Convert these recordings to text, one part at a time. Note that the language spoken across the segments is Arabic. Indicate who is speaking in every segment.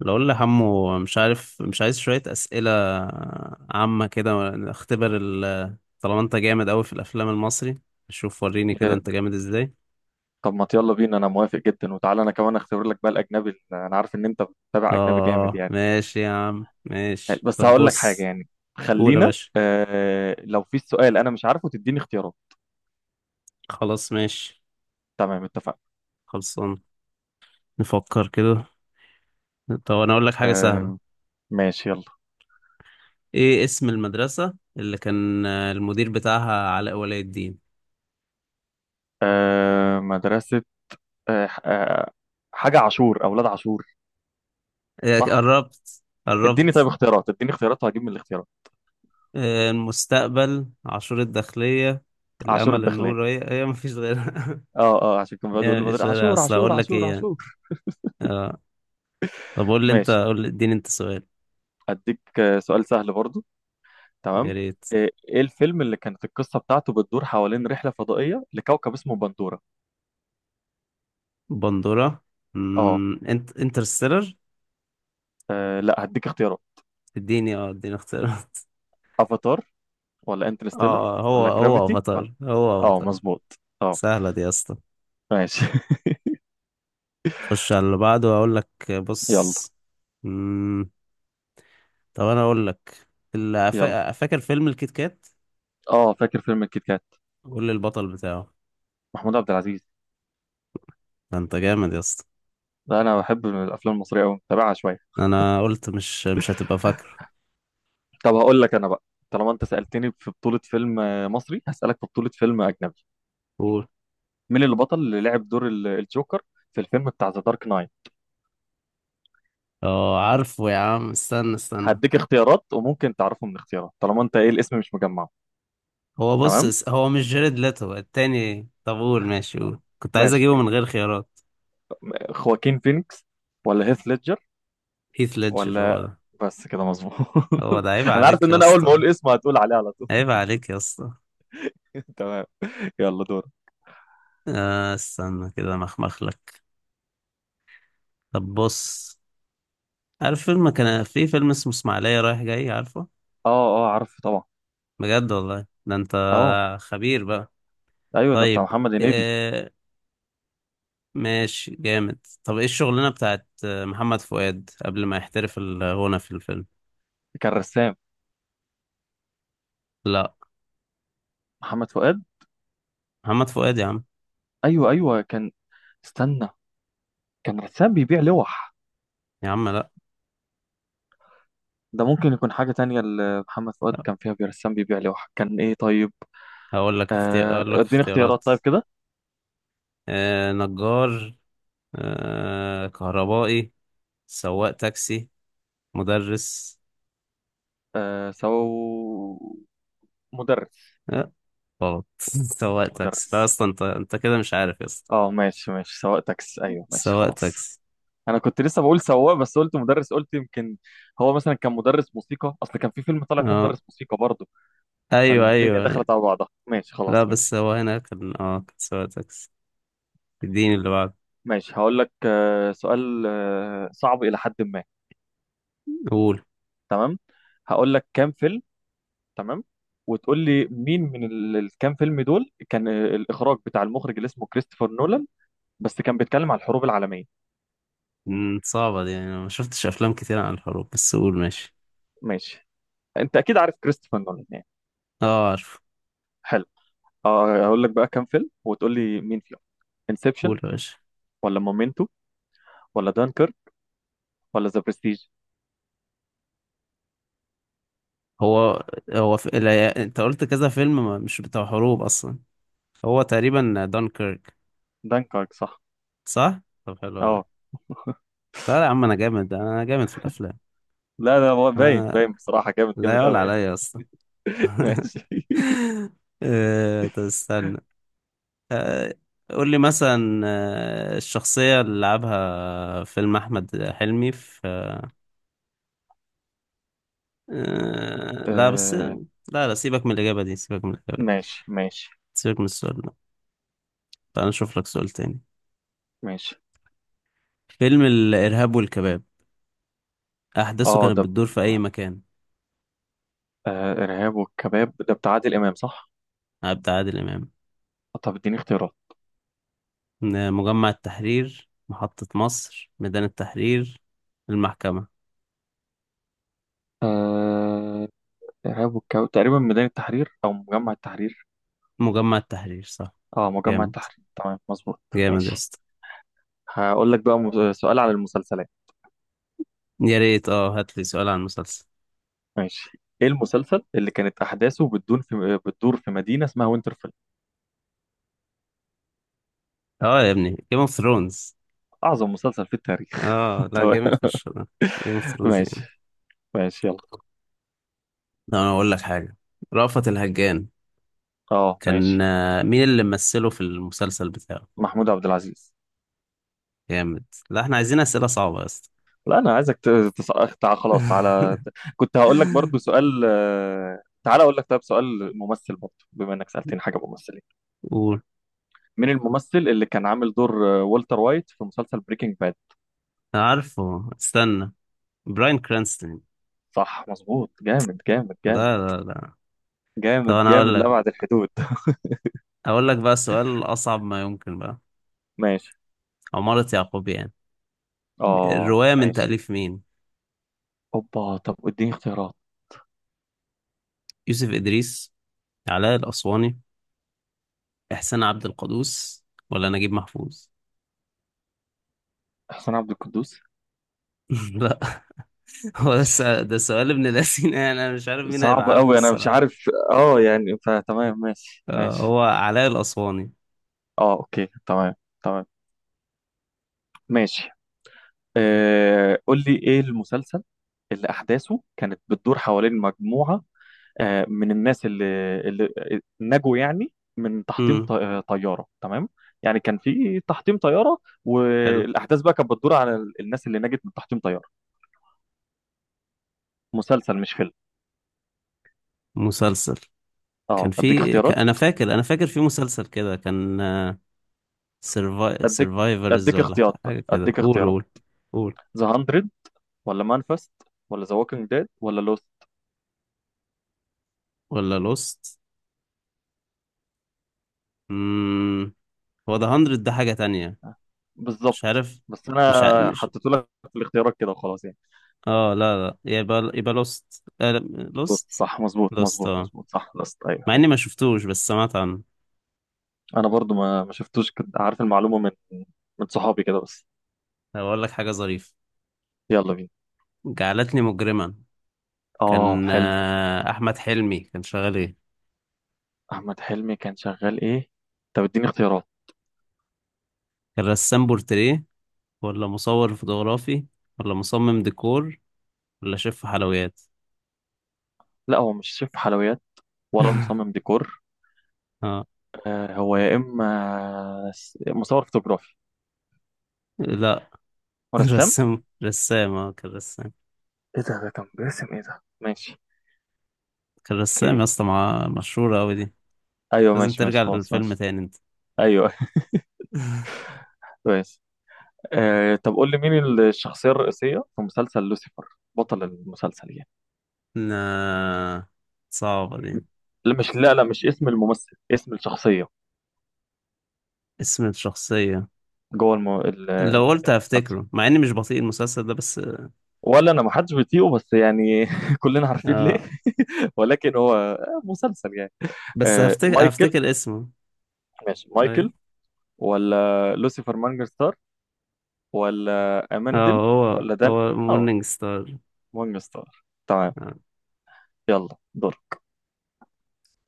Speaker 1: لو قول لحمو مش عارف مش عايز شوية أسئلة عامة كده. اختبر ال طالما انت جامد أوي في الأفلام المصري. شوف وريني كده
Speaker 2: يا-.
Speaker 1: انت جامد ازاي.
Speaker 2: طب ما يلا بينا، انا موافق جدا. وتعالى انا كمان اختبر لك بقى الاجنبي ال-، انا عارف ان انت بتتابع اجنبي جامد
Speaker 1: اه
Speaker 2: يعني.
Speaker 1: ماشي يا عم ماشي،
Speaker 2: بس
Speaker 1: طب
Speaker 2: هقول لك حاجه
Speaker 1: بص.
Speaker 2: يعني،
Speaker 1: قول يا
Speaker 2: خلينا
Speaker 1: باشا،
Speaker 2: لو في سؤال انا مش عارفه تديني اختيارات.
Speaker 1: خلاص ماشي.
Speaker 2: تمام اتفقنا.
Speaker 1: خلصان، نفكر كده. طب انا اقول لك حاجة
Speaker 2: آه
Speaker 1: سهلة.
Speaker 2: ماشي يلا.
Speaker 1: ايه اسم المدرسة اللي كان المدير بتاعها علاء ولي الدين؟
Speaker 2: آه مدرسه، آه ح- آه حاجه عاشور، اولاد عاشور.
Speaker 1: إيه،
Speaker 2: صح.
Speaker 1: قربت
Speaker 2: اديني طيب
Speaker 1: قربت.
Speaker 2: اختيارات، اديني اختيارات وهجيب من الاختيارات.
Speaker 1: آه، المستقبل، عاشور الداخلية،
Speaker 2: عاشور
Speaker 1: الأمل،
Speaker 2: الداخليه.
Speaker 1: النور. هي مفيش غيرها.
Speaker 2: اه اه، عشان كان بيقعد يقول
Speaker 1: هي
Speaker 2: لي مدر-
Speaker 1: مفيش غيرها،
Speaker 2: عاشور
Speaker 1: أصل
Speaker 2: عاشور
Speaker 1: هقول لك
Speaker 2: عاشور
Speaker 1: إيه يعني.
Speaker 2: عاشور.
Speaker 1: آه. طب قول لي أنت،
Speaker 2: ماشي.
Speaker 1: قول لي اديني أنت سؤال.
Speaker 2: اديك سؤال سهل برضو.
Speaker 1: يا
Speaker 2: تمام.
Speaker 1: ريت.
Speaker 2: ايه، إيه الفيلم اللي كانت القصه بتاعته بتدور حوالين رحله فضائيه لكوكب اسمه بندوره؟
Speaker 1: بندورة.
Speaker 2: اه.
Speaker 1: انت انترستيلر؟
Speaker 2: لا هديك اختيارات.
Speaker 1: اديني اه اديني اختيار.
Speaker 2: افاتار، ولا انترستيلر،
Speaker 1: اه، هو
Speaker 2: ولا
Speaker 1: هو
Speaker 2: جرافيتي، ولا.
Speaker 1: افاتار، هو
Speaker 2: اه
Speaker 1: افاتار.
Speaker 2: مظبوط اه.
Speaker 1: سهلة دي يا اسطى.
Speaker 2: ماشي
Speaker 1: خش على اللي بعده وأقول لك،
Speaker 2: يلا.
Speaker 1: بص. مم. طب أنا أقول لك اللي،
Speaker 2: يلا
Speaker 1: فاكر فيلم الكيت كات؟
Speaker 2: اه فاكر فيلم الكيت كات.
Speaker 1: قول لي البطل بتاعه.
Speaker 2: محمود عبد العزيز.
Speaker 1: ده أنت جامد يا اسطى.
Speaker 2: ده انا بحب من الافلام المصريه قوي، متابعها شويه.
Speaker 1: انا قلت مش هتبقى فاكره.
Speaker 2: طب هقول لك انا بقى، طالما انت سالتني في بطوله فيلم مصري، هسالك في بطوله فيلم اجنبي.
Speaker 1: قول.
Speaker 2: مين اللي بطل اللي لعب دور الجوكر في الفيلم بتاع ذا دارك نايت؟
Speaker 1: اه عارفه يا عم، استنى.
Speaker 2: هديك اختيارات وممكن تعرفه من الاختيارات، طالما انت ايه الاسم مش مجمعه.
Speaker 1: هو بص،
Speaker 2: تمام.
Speaker 1: هو مش جيرد ليتو التاني؟ طب قول ماشي، قول، كنت عايز
Speaker 2: ماشي.
Speaker 1: اجيبه من غير خيارات.
Speaker 2: خواكين فينيكس، ولا هيث ليدجر،
Speaker 1: هيث ليدجر هو
Speaker 2: ولا.
Speaker 1: ده.
Speaker 2: بس كده مظبوط
Speaker 1: هو ده، عيب
Speaker 2: انا عارف
Speaker 1: عليك
Speaker 2: ان
Speaker 1: يا
Speaker 2: انا اول ما
Speaker 1: اسطى.
Speaker 2: اقول اسمه هتقول عليه على طول.
Speaker 1: عيب عليك يا اسطى.
Speaker 2: تمام. يلا دور.
Speaker 1: آه استنى كده مخمخ لك. طب بص، عارف فيلم، كان في فيلم اسمه اسماعيلية رايح جاي، عارفه؟
Speaker 2: اه. اه عارف طبعا.
Speaker 1: بجد والله ده انت
Speaker 2: اه.
Speaker 1: خبير بقى.
Speaker 2: ايوه ده بتاع
Speaker 1: طيب.
Speaker 2: محمد هنيدي.
Speaker 1: آه، ماشي جامد. طب ايه الشغلانة بتاعت محمد فؤاد قبل ما يحترف الغنى في الفيلم؟
Speaker 2: كان رسام.
Speaker 1: لا.
Speaker 2: محمد فؤاد.
Speaker 1: محمد فؤاد يا عم.
Speaker 2: ايوه ايوه كان. استنى. كان رسام بيبيع لوح.
Speaker 1: يا عم لا.
Speaker 2: ده ممكن يكون حاجة تانية. اللي محمد فؤاد
Speaker 1: لا.
Speaker 2: كان فيها بيرسام بيبيع لوح، كان ايه طيب؟
Speaker 1: اقول لك
Speaker 2: اديني اختيارات
Speaker 1: اختيارات.
Speaker 2: طيب كده.
Speaker 1: آه نجار، آه كهربائي، سواق تاكسي، مدرس.
Speaker 2: آه سو مدرس.
Speaker 1: آه غلط. سواق تاكسي. لا
Speaker 2: مدرس.
Speaker 1: اصلا انت كده مش عارف يا اسطى.
Speaker 2: اه ماشي ماشي، سواق تاكس، ايوه ماشي
Speaker 1: سواق
Speaker 2: خلاص.
Speaker 1: تاكسي.
Speaker 2: انا كنت لسه بقول سواق، بس قلت مدرس، قلت يمكن هو مثلا كان مدرس موسيقى، اصل كان في فيلم طالع فيه
Speaker 1: اه،
Speaker 2: مدرس موسيقى برضه،
Speaker 1: ايوه
Speaker 2: فالدنيا
Speaker 1: ايوه.
Speaker 2: دخلت على بعضها. ماشي
Speaker 1: لا
Speaker 2: خلاص
Speaker 1: بس
Speaker 2: ماشي.
Speaker 1: هو هنا كان اه، كان سواق تاكسي. اديني اللي بعده.
Speaker 2: ماشي هقول لك سؤال صعب الى حد ما.
Speaker 1: قول.
Speaker 2: تمام. هقول لك كام فيلم. تمام. وتقول لي مين من الكام فيلم دول كان الاخراج بتاع المخرج اللي اسمه كريستوفر نولان، بس كان بيتكلم على الحروب العالميه.
Speaker 1: مم، صعبة دي، يعني أنا ما شفتش أفلام كتير عن الحروب، بس قول ماشي.
Speaker 2: ماشي. انت اكيد عارف كريستوفر نولان يعني.
Speaker 1: اه عارف.
Speaker 2: حلو. اقول لك بقى كام فيلم وتقول لي مين فيهم. انسبشن،
Speaker 1: قول يا باشا.
Speaker 2: ولا مومنتو، ولا دانكر، ولا ذا برستيج.
Speaker 1: هو هو في... لا... أنت قلت كذا فيلم، ما... مش بتاع حروب أصلا. هو تقريبا دانكيرك.
Speaker 2: دانكرك صح.
Speaker 1: صح؟ طب حلو أوي.
Speaker 2: اه.
Speaker 1: لا لا يا عم، أنا جامد، أنا جامد في الأفلام.
Speaker 2: لا ده هو باين
Speaker 1: آه...
Speaker 2: باين بصراحة، جامد
Speaker 1: لا
Speaker 2: جامد
Speaker 1: يعلى
Speaker 2: قوي
Speaker 1: عليا يا اسطى.
Speaker 2: ماشي.
Speaker 1: آه... طب استنى. آه... قول لي مثلا آه... الشخصية اللي لعبها فيلم أحمد حلمي في، آه لا بس
Speaker 2: آه
Speaker 1: لا لا، سيبك من الإجابة دي، سيبك من الإجابة دي.
Speaker 2: ماشي ماشي.
Speaker 1: سيبك من السؤال ده. تعال نشوف لك سؤال تاني.
Speaker 2: ماشي
Speaker 1: فيلم الإرهاب والكباب، أحداثه
Speaker 2: اه
Speaker 1: كانت
Speaker 2: ده ب-،
Speaker 1: بتدور في أي مكان؟
Speaker 2: آه ارهاب والكباب ده بتاع عادل امام صح.
Speaker 1: عادل إمام.
Speaker 2: طب اديني اختيارات.
Speaker 1: مجمع التحرير، محطة مصر، ميدان التحرير، المحكمة.
Speaker 2: آه ارهاب والكباب تقريبا ميدان التحرير او مجمع التحرير.
Speaker 1: مجمع التحرير صح.
Speaker 2: اه مجمع
Speaker 1: جامد،
Speaker 2: التحرير، تمام مظبوط.
Speaker 1: جامد يا
Speaker 2: ماشي
Speaker 1: اسطى.
Speaker 2: هقول لك بقى سؤال على المسلسلات.
Speaker 1: يا ريت، اه هات لي سؤال عن مسلسل.
Speaker 2: ماشي. ايه المسلسل اللي كانت احداثه بتدور في مدينه اسمها وينترفيل؟
Speaker 1: اه يا ابني، جيم اوف ثرونز.
Speaker 2: اعظم مسلسل في التاريخ.
Speaker 1: اه لا
Speaker 2: تمام.
Speaker 1: جامد فشخ ده. جيم اوف ثرونز
Speaker 2: ماشي
Speaker 1: جامد.
Speaker 2: ماشي يلا.
Speaker 1: طب انا اقول لك حاجه، رأفت الهجان.
Speaker 2: اه
Speaker 1: كان
Speaker 2: ماشي.
Speaker 1: آه، مين اللي ممثله في المسلسل بتاعه؟
Speaker 2: محمود عبد العزيز.
Speaker 1: جامد. لا احنا عايزين اسئله صعبه يا اسطى.
Speaker 2: لا انا عايزك تسقط تع-، خلاص تعالى. كنت هقول لك برضو سؤال تعالى اقول لك، طيب سؤال ممثل برضو بما انك سالتني حاجه ممثلين.
Speaker 1: قول.
Speaker 2: مين الممثل اللي كان عامل دور والتر وايت في مسلسل بريكنج باد؟
Speaker 1: عارفه استنى. براين كرانستون.
Speaker 2: صح مظبوط، جامد جامد جامد.
Speaker 1: لا لا لا. طب
Speaker 2: جامد
Speaker 1: انا اقول
Speaker 2: جامد
Speaker 1: لك،
Speaker 2: لأبعد الحدود
Speaker 1: اقول لك بقى سؤال اصعب ما يمكن بقى.
Speaker 2: ماشي.
Speaker 1: عمارة يعقوب يعني،
Speaker 2: اه
Speaker 1: الروايه من
Speaker 2: ماشي.
Speaker 1: تاليف مين؟
Speaker 2: اوبا، طب اديني اختيارات.
Speaker 1: يوسف ادريس، علاء الاسواني، احسان عبد القدوس، ولا نجيب محفوظ؟
Speaker 2: حسين عبد القدوس.
Speaker 1: لا. هو ده
Speaker 2: ماشي.
Speaker 1: سؤال، ده سؤال ابن لذين يعني، انا مش عارف مين هيبقى
Speaker 2: صعب
Speaker 1: عارفه
Speaker 2: قوي انا مش
Speaker 1: الصراحه.
Speaker 2: عارف اه يعني، فتمام ماشي
Speaker 1: آه،
Speaker 2: ماشي.
Speaker 1: هو علاء الاسواني.
Speaker 2: اه اوكي تمام. تمام. ماشي. آه قول لي ايه المسلسل اللي احداثه كانت بتدور حوالين مجموعة آه من الناس اللي نجوا يعني من تحطيم
Speaker 1: امم.
Speaker 2: طيارة تمام. يعني كان في تحطيم طيارة،
Speaker 1: حلو.
Speaker 2: والاحداث بقى كانت بتدور على الناس اللي نجت من تحطيم طيارة. مسلسل مش فيلم.
Speaker 1: مسلسل. كان
Speaker 2: اه اديك
Speaker 1: في
Speaker 2: اختيارات.
Speaker 1: انا فاكر، انا فاكر في مسلسل كده كان
Speaker 2: اديك
Speaker 1: سيرفايفرز
Speaker 2: اديك
Speaker 1: ولا
Speaker 2: اختيارات،
Speaker 1: حاجه كده.
Speaker 2: اديك
Speaker 1: قول
Speaker 2: اختيارات.
Speaker 1: قول. قول.
Speaker 2: ذا 100، ولا مانفست، ولا ذا ووكينج ديد، ولا لوست.
Speaker 1: ولا لوست. امم. هو ده 100، ده حاجه تانية. مش
Speaker 2: بالظبط.
Speaker 1: عارف.
Speaker 2: بس
Speaker 1: مش ع...
Speaker 2: انا
Speaker 1: مش
Speaker 2: حطيت لك في الاختيارات كده وخلاص يعني.
Speaker 1: اه لا لا، يبقى لوست.
Speaker 2: لوست
Speaker 1: لوست.
Speaker 2: صح، مظبوط
Speaker 1: لوست
Speaker 2: مظبوط
Speaker 1: اه.
Speaker 2: مظبوط، صح لوست ايوه
Speaker 1: مع اني ما
Speaker 2: ايوه.
Speaker 1: شفتوش بس سمعت عنه.
Speaker 2: انا برضو ما شفتوش، كنت عارف المعلومه من من صحابي كده بس.
Speaker 1: هقول لك حاجه ظريفه،
Speaker 2: يلا بينا.
Speaker 1: جعلتني مجرما.
Speaker 2: اه
Speaker 1: كان
Speaker 2: حلو.
Speaker 1: آه، احمد حلمي كان شغال ايه؟
Speaker 2: احمد حلمي كان شغال ايه؟ طب اديني اختيارات.
Speaker 1: كان رسام بورتريه، ولا مصور فوتوغرافي، ولا مصمم ديكور، ولا شيف حلويات؟
Speaker 2: لا هو مش شيف حلويات، ولا مصمم ديكور.
Speaker 1: اه
Speaker 2: آه هو يا اما مصور فوتوغرافي،
Speaker 1: لا.
Speaker 2: ورسام.
Speaker 1: رسام، رسام، اه كان رسام.
Speaker 2: ايه ده، ده كان باسم ايه ده ماشي.
Speaker 1: كان رسام
Speaker 2: اوكي.
Speaker 1: يا اسطى، مع مشهورة أوي دي.
Speaker 2: ايوه
Speaker 1: لازم
Speaker 2: ماشي ماشي
Speaker 1: ترجع
Speaker 2: خلاص
Speaker 1: للفيلم
Speaker 2: ماشي.
Speaker 1: تاني انت.
Speaker 2: ايوه كويس. آه طب قول لي مين الشخصيه الرئيسيه في مسلسل لوسيفر؟ بطل المسلسل يعني.
Speaker 1: لا، صعبة دي.
Speaker 2: لا مش، لا لا مش اسم الممثل، اسم الشخصيه
Speaker 1: اسم الشخصية،
Speaker 2: جوه
Speaker 1: لو قلت
Speaker 2: المسلسل.
Speaker 1: هفتكره، مع اني مش بطيء المسلسل ده بس.
Speaker 2: ولا انا ما حدش بيطيقه بس يعني كلنا عارفين ليه
Speaker 1: آه.
Speaker 2: ولكن هو مسلسل يعني.
Speaker 1: بس
Speaker 2: آه
Speaker 1: هفتكر
Speaker 2: مايكل.
Speaker 1: هفتكر اسمه.
Speaker 2: ماشي
Speaker 1: ايوه.
Speaker 2: مايكل، ولا لوسيفر مانجر ستار، ولا
Speaker 1: اه،
Speaker 2: اماندل،
Speaker 1: هو
Speaker 2: ولا دان.
Speaker 1: هو
Speaker 2: اه
Speaker 1: مورنينج ستار.
Speaker 2: مانجر ستار تمام.
Speaker 1: آه.
Speaker 2: يلا دور.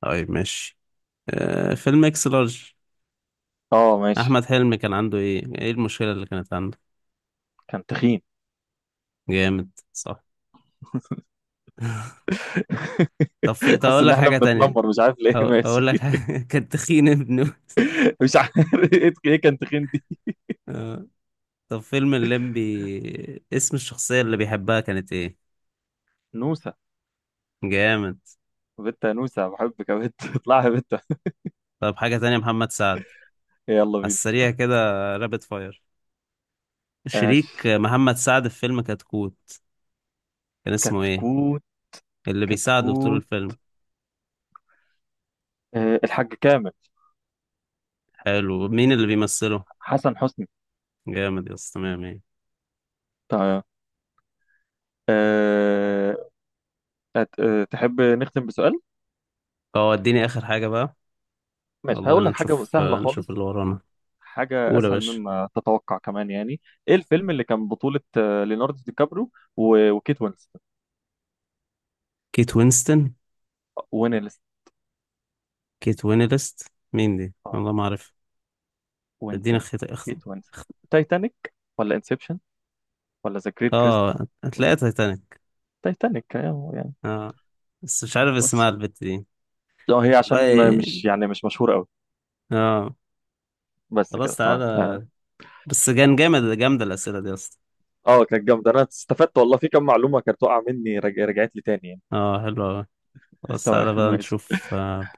Speaker 1: طيب ماشي. آه فيلم اكس لارج،
Speaker 2: اه ماشي.
Speaker 1: احمد حلمي كان عنده ايه، ايه المشكله اللي كانت عنده؟
Speaker 2: كان تخين.
Speaker 1: جامد صح. طب
Speaker 2: حاسس
Speaker 1: اقول
Speaker 2: ان
Speaker 1: لك
Speaker 2: احنا
Speaker 1: حاجه تانية.
Speaker 2: بنتنمر، مش عارف ليه ماشي.
Speaker 1: اقول لك حاجه. كان تخين ابنه.
Speaker 2: مش عارف ايه ايه كان تخين دي.
Speaker 1: آه. طب فيلم الليمبي، اسم الشخصيه اللي بيحبها كانت ايه؟
Speaker 2: نوسة.
Speaker 1: جامد.
Speaker 2: بنت يا نوسة، بحبك يا بنت اطلعي يا بنت.
Speaker 1: طب حاجه تانية، محمد سعد،
Speaker 2: يلا
Speaker 1: على
Speaker 2: بينا.
Speaker 1: السريع كده، رابط فاير، شريك
Speaker 2: ماشي.
Speaker 1: محمد سعد في فيلم كتكوت، كان اسمه ايه؟
Speaker 2: كتكوت.
Speaker 1: اللي بيساعده طول
Speaker 2: كتكوت.
Speaker 1: الفيلم.
Speaker 2: أه الحاج كامل.
Speaker 1: حلو. مين اللي بيمثله؟
Speaker 2: حسن حسني.
Speaker 1: جامد يا اسطى. تمام ايه.
Speaker 2: طيب أه تحب نختم بسؤال؟
Speaker 1: وديني اخر حاجه بقى.
Speaker 2: ماشي
Speaker 1: والله
Speaker 2: هقول
Speaker 1: بينا
Speaker 2: لك حاجة
Speaker 1: نشوف
Speaker 2: سهلة
Speaker 1: نشوف
Speaker 2: خالص،
Speaker 1: اللي ورانا.
Speaker 2: حاجة
Speaker 1: قول يا
Speaker 2: أسهل
Speaker 1: باشا.
Speaker 2: مما تتوقع كمان يعني. إيه الفيلم اللي كان بطولة ليوناردو دي كابرو و-، وكيت وينسلت؟
Speaker 1: كيت وينستون.
Speaker 2: وين ليست.
Speaker 1: كيت وينلست، مين دي والله ما اعرف. ادينا
Speaker 2: وينسلت.
Speaker 1: خيط اخت.
Speaker 2: كيت وينسلت. تايتانيك، ولا انسبشن، ولا ذا جريت كريست؟
Speaker 1: اه هتلاقيها تايتانيك.
Speaker 2: تايتانيك يعني يعني.
Speaker 1: اه. بس مش عارف
Speaker 2: بس
Speaker 1: اسمها البت دي.
Speaker 2: اه هي عشان ما-
Speaker 1: والله.
Speaker 2: مش يعني مش مشهورة قوي.
Speaker 1: اه.
Speaker 2: بس كده
Speaker 1: خلاص
Speaker 2: تمام اه.
Speaker 1: تعالى. بس كان جامد، جامدة الأسئلة دي أصلا.
Speaker 2: كانت جامدة، انا استفدت والله في كم معلومة كانت واقعة مني رجعت لي تاني يعني.
Speaker 1: اه حلوة أوي. خلاص
Speaker 2: تمام
Speaker 1: تعالى بقى
Speaker 2: ماشي.
Speaker 1: نشوف آه،